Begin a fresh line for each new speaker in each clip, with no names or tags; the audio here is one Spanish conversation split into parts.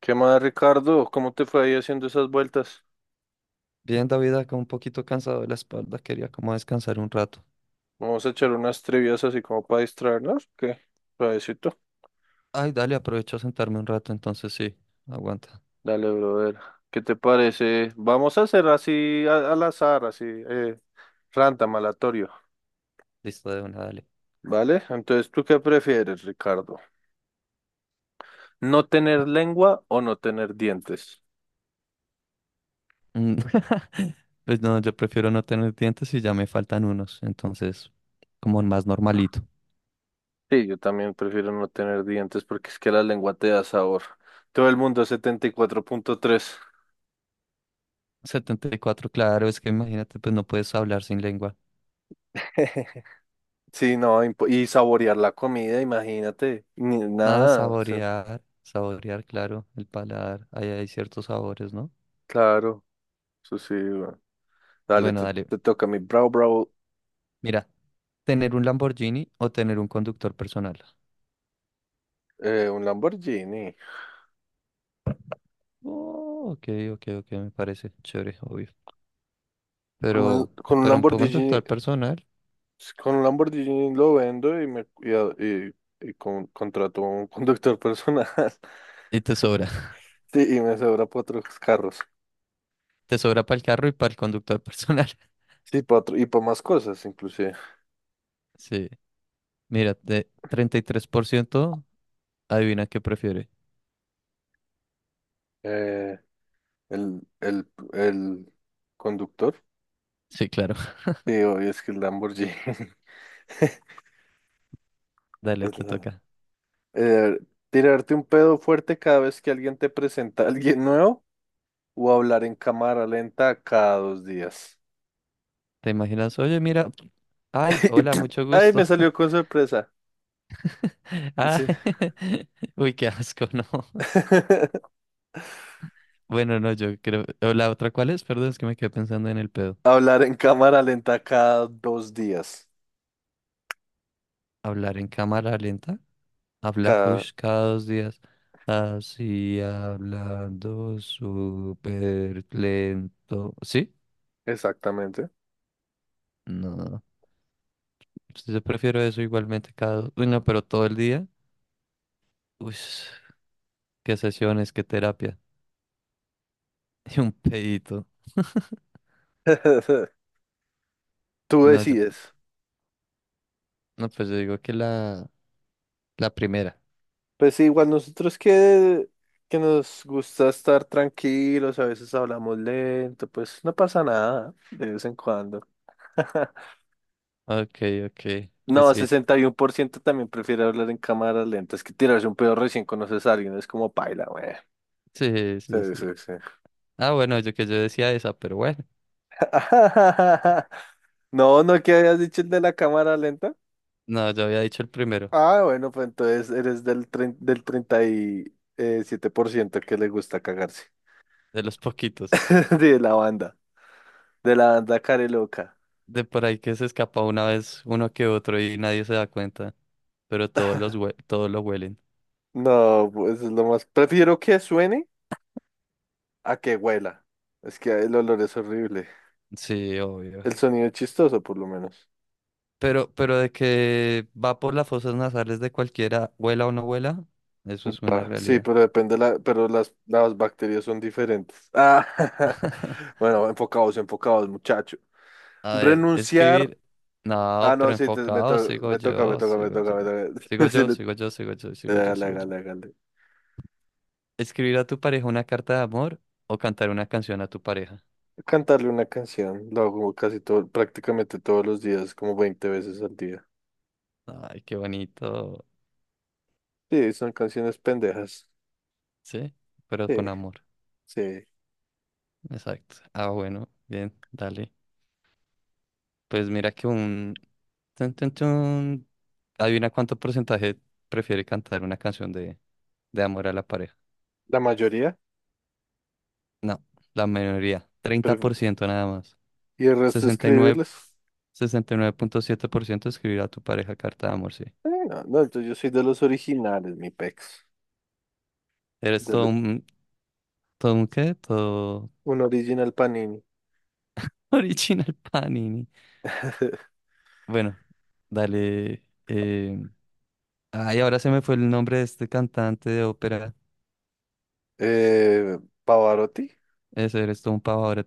¿Qué más, Ricardo? ¿Cómo te fue ahí haciendo esas vueltas?
Bien, David, acá un poquito cansado de la espalda, quería como descansar un rato.
Vamos a echar unas trivias así como para distraernos. ¿Qué? Suavecito.
Ay, dale, aprovecho a sentarme un rato, entonces sí, aguanta.
Dale, brother. ¿Qué te parece? Vamos a hacer así al azar, así, random, aleatorio.
Listo de una, dale.
¿Vale? Entonces, ¿tú qué prefieres, Ricardo? ¿No tener lengua o no tener dientes?
Mm, Pues no, yo prefiero no tener dientes y ya me faltan unos, entonces como más normalito.
Sí, yo también prefiero no tener dientes porque es que la lengua te da sabor. Todo el mundo 74,3.
Setenta y cuatro, claro, es que imagínate, pues no puedes hablar sin lengua.
Sí, no, y saborear la comida, imagínate, ni
Nada,
nada, o sea,
saborear, saborear, claro, el paladar, ahí hay ciertos sabores, ¿no?
claro, eso sí, weón. Dale,
Bueno,
te,
dale,
te toca mi bravo, bravo,
mira, tener un Lamborghini o tener un conductor personal.
un Lamborghini.
Oh, ok, ok, ok, me parece chévere, obvio.
Con un,
Pero,
con un
pero un
Lamborghini,
conductor personal
con un Lamborghini lo vendo y me y, a- y- y con- contrato un conductor personal.
y te sobra.
Sí, y me sobra para otros carros.
Te sobra para el carro y para el conductor personal.
Sí, para otro, y para más cosas, inclusive.
Sí. Mira, de 33%, adivina qué prefiere.
Eh, el, el, el conductor.
Sí, claro.
Sí, obvio, es que el Lamborghini.
Dale,
es
te
la-
toca.
Eh, tirarte un pedo fuerte cada vez que alguien te presenta a alguien nuevo o hablar en cámara lenta cada dos días.
¿Te imaginas? Oye, mira. Ay,
Y,
hola,
pf,
mucho
ay,
gusto.
me salió con sorpresa.
Ah,
Sí.
uy, qué asco, no. Bueno, no, yo creo. ¿O ¿La otra cuál es? Perdón, es que me quedé pensando en el pedo.
Hablar en cámara lenta cada dos días.
¿Hablar en cámara lenta? Habla,
Cada,
ush, cada 2 días. Así hablando súper lento. ¿Sí?
exactamente.
No. Yo prefiero eso igualmente cada... dos. Uy, no, pero todo el día. Uy, qué sesiones, qué terapia. Y un pedito.
Tú
No,
decides.
no, pues yo digo que la primera.
Pues sí, igual nosotros que nos gusta estar tranquilos, a veces hablamos lento, pues no pasa nada de vez en cuando.
Ok, ok. Pues
No,
sí.
61% también prefiere hablar en cámaras lentas que tirarse un pedo recién conoces a alguien. Es como paila, güey.
Sí, sí,
Sí,
sí.
sí, sí.
Ah, bueno, yo decía esa, pero bueno.
No, no, ¿qué habías dicho el de la cámara lenta?
No, yo había dicho el primero,
Ah, bueno, pues entonces eres del, del treinta y siete por ciento que le gusta cagarse.
de los poquitos.
De la banda, de la banda care loca.
De por ahí que se escapa una vez uno que otro y nadie se da cuenta, pero todos todos lo huelen.
No, pues es lo más. Prefiero que suene a que huela. Es que el olor es horrible.
Sí, obvio.
El sonido es chistoso, por lo menos.
Pero de que va por las fosas nasales de cualquiera, huela o no huela, eso es una
Va, sí,
realidad.
pero depende la, pero las bacterias son diferentes. Ah, bueno, enfocados, enfocados, muchacho.
A ver,
Renunciar.
escribir.
Ah,
No,
no,
pero
sí, te- me,
enfocado,
to-
sigo
me toca, me
yo,
toca, me
sigo
toca,
yo.
me toca.
Sigo yo, sigo yo, sigo yo, sigo yo,
Hágale,
sigo yo.
hágale, hágale.
Escribir a tu pareja una carta de amor o cantar una canción a tu pareja.
Cantarle una canción. Lo hago casi todo, prácticamente todos los días, como 20 veces al día.
Ay, qué bonito.
Sí, son canciones pendejas.
Sí, pero
Sí,
con amor.
sí.
Exacto. Ah, bueno, bien, dale. Pues mira que un... Tun, tun, tun. Adivina cuánto porcentaje prefiere cantar una canción de amor a la pareja.
La mayoría,
No, la mayoría. treinta
pero
por ciento nada más.
y el resto
sesenta sesenta y y nueve
escribirles.
sesenta y nueve punto 69, 69.7% escribir a tu pareja carta de amor, sí.
No, no, yo soy de los originales, mi pex.
Eres
De
todo
lo-
un... ¿Todo un qué? Todo
un original Panini.
original Panini. Bueno, dale. Ay, ahora se me fue el nombre de este cantante de ópera.
Eh, Pavarotti,
Ese eres todo un pavo ahora.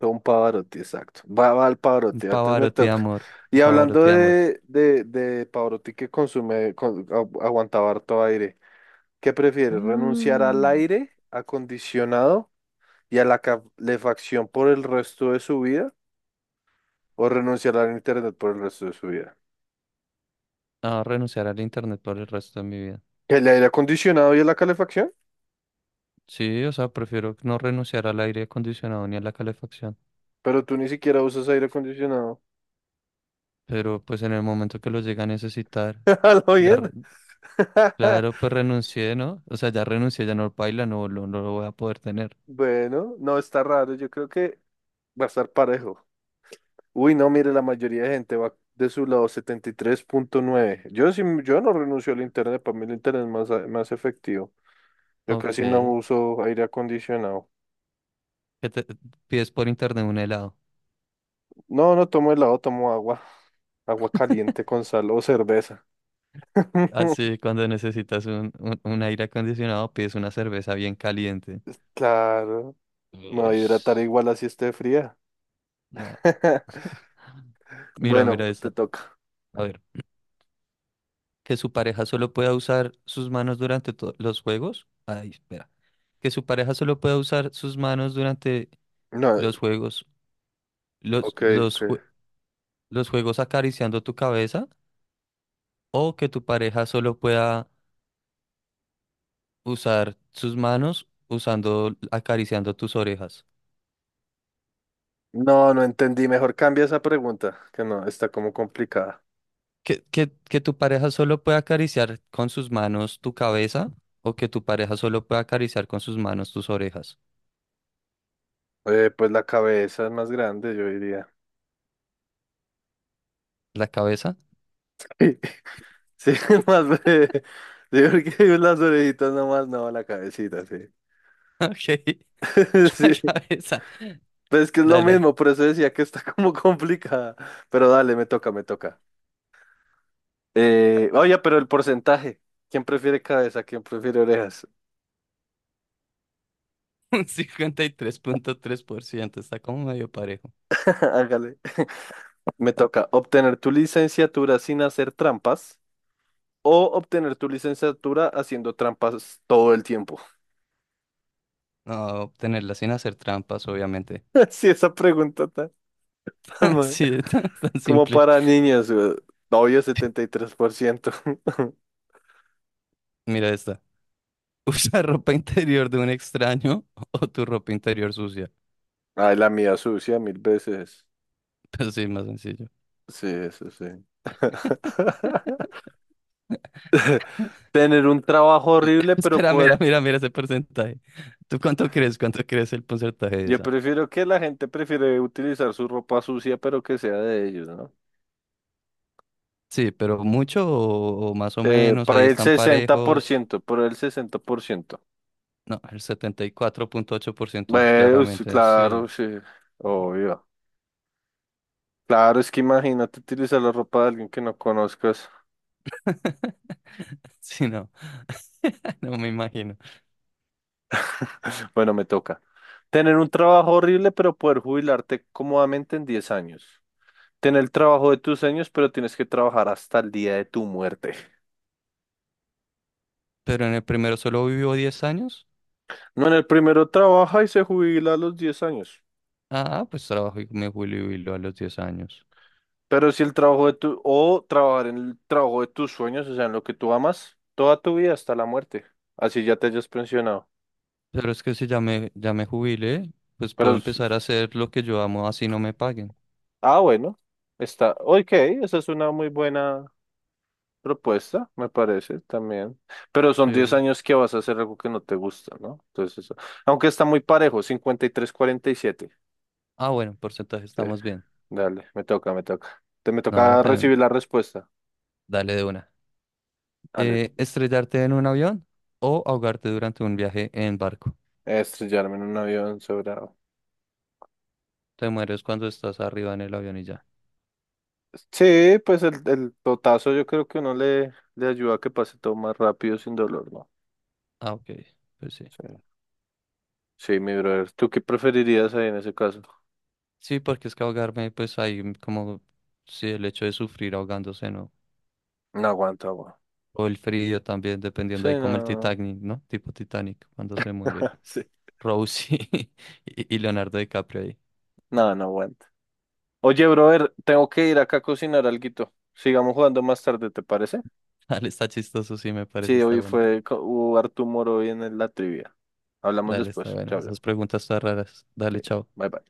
un Pavarotti, exacto. Va, va al
Un
Pavarotti, entonces me
pavarotti de
toca.
amor.
Y
Un
hablando
pavarotti de amor.
de Pavarotti que consume, aguantaba harto aire, ¿qué prefieres? ¿Renunciar
Ah,
al aire acondicionado y a la calefacción por el resto de su vida o renunciar al internet por el resto de su vida?
a renunciar al internet por el resto de mi vida.
¿El aire acondicionado y a la calefacción?
Sí, o sea, prefiero no renunciar al aire acondicionado ni a la calefacción.
Pero tú ni siquiera usas aire acondicionado.
Pero pues en el momento que lo llegue a necesitar,
¿Lo
ya,
bien?
claro, pues renuncié, ¿no? O sea, ya renuncié, ya no baila, no, no lo voy a poder tener.
Bueno, no está raro. Yo creo que va a estar parejo. Uy, no, mire, la mayoría de gente va de su lado 73,9. Yo sí, yo no renuncio al internet, para mí el internet es más efectivo. Yo
Ok.
casi no
¿Qué
uso aire acondicionado.
te pides por internet un helado?
No, no tomo helado, tomo agua, agua caliente con sal o cerveza.
Así, cuando necesitas un aire acondicionado, pides una cerveza bien caliente.
Claro, me voy a hidratar
Ush.
igual así esté fría.
Nah. Mira,
Bueno,
mira
te
esta.
toca.
A ver, que su pareja solo pueda usar sus manos durante los juegos. Ay, espera. Que su pareja solo pueda usar sus manos durante
No,
los juegos, los,
ok, ok.
los, jue- los juegos acariciando tu cabeza. O que tu pareja solo pueda usar sus manos usando, acariciando tus orejas.
No, no entendí. Mejor cambia esa pregunta, que no, está como complicada.
Que tu pareja solo pueda acariciar con sus manos tu cabeza. O que tu pareja solo pueda acariciar con sus manos tus orejas.
Pues la cabeza es más grande, yo diría.
La cabeza.
Sí, sí, más breve. Sí, porque las orejitas nomás, no, la cabecita, sí.
Ok. La
Sí,
cabeza,
pues es que es lo
dale,
mismo, por eso decía que está como complicada. Pero dale, me toca, me toca. Oye, pero el porcentaje. ¿Quién prefiere cabeza? ¿Quién prefiere orejas?
un cincuenta y tres punto tres por ciento, está como medio parejo.
Hágale. Me toca obtener tu licenciatura sin hacer trampas o obtener tu licenciatura haciendo trampas todo el tiempo.
No, obtenerla sin hacer trampas, obviamente.
Sí, esa pregunta está tan mal.
Sí, es tan
Como
simple.
para niños, güey. Obvio 73%.
Mira esta. Usa ropa interior de un extraño o tu ropa interior sucia.
Ay, la mía sucia mil veces.
Pues sí, más sencillo.
Sí, eso sí. Tener un trabajo horrible, pero
Espera,
poder...
mira, mira, mira ese porcentaje. ¿Tú cuánto crees? ¿Cuánto crees el porcentaje de
Yo
esa?
prefiero que la gente prefiere utilizar su ropa sucia, pero que sea de ellos, ¿no?
Sí, pero mucho o más o menos, ahí
Para el
están
sesenta por
parejos.
ciento, para el 60%.
No, el 74.8%
Bueno, sí,
claramente.
claro, sí, obvio. Claro, es que imagínate utilizar la ropa de alguien que no conozcas.
Sí, no. No me imagino.
Bueno, me toca. Tener un trabajo horrible, pero poder jubilarte cómodamente en 10 años. Ten el trabajo de tus sueños, pero tienes que trabajar hasta el día de tu muerte.
Pero en el primero solo vivió 10 años.
No, en el primero trabaja y se jubila a los 10 años.
Ah, pues trabajo y me jubilo a los 10 años.
Pero si el trabajo de tu, o trabajar en el trabajo de tus sueños, o sea, en lo que tú amas, toda tu vida hasta la muerte. Así ya te hayas pensionado.
Pero es que si ya me jubilé, pues puedo
Pero,
empezar a hacer lo que yo amo, así no me paguen.
ah, bueno, está, ok, esa es una muy buena propuesta, me parece también. Pero
Sí.
son 10 años que vas a hacer algo que no te gusta, ¿no? Entonces, eso- aunque está muy parejo, 53-47.
Ah, bueno, porcentaje estamos bien.
Dale, me toca, me toca. Te me
No,
toca recibir la respuesta.
dale de una.
Ale,
Estrellarte en un avión o ahogarte durante un viaje en barco.
estrellarme en un avión sobrado.
Te mueres cuando estás arriba en el avión y ya.
Sí, pues el totazo yo creo que uno le ayuda a que pase todo más rápido sin dolor, ¿no?
Ah, ok. Pues sí.
Sí. Sí, mi brother. ¿Tú qué preferirías ahí en ese caso?
Sí, porque es que ahogarme, pues hay como, sí, el hecho de sufrir ahogándose, ¿no?
No aguanto agua.
O el frío también,
Sí,
dependiendo ahí, como el
no.
Titanic, ¿no? Tipo Titanic, cuando se muere
Sí.
Rose y, y Leonardo DiCaprio ahí.
No, no aguanto. Oye, brother, tengo que ir acá a cocinar alguito. Sigamos jugando más tarde, ¿te parece?
Dale, está chistoso, sí, me parece,
Sí,
está
hoy
bueno.
fue, hubo harto humor hoy en la trivia. Hablamos
Dale, está
después.
buena.
Chao, chao.
Esas preguntas están raras.
Sí,
Dale, chao.
bye bye.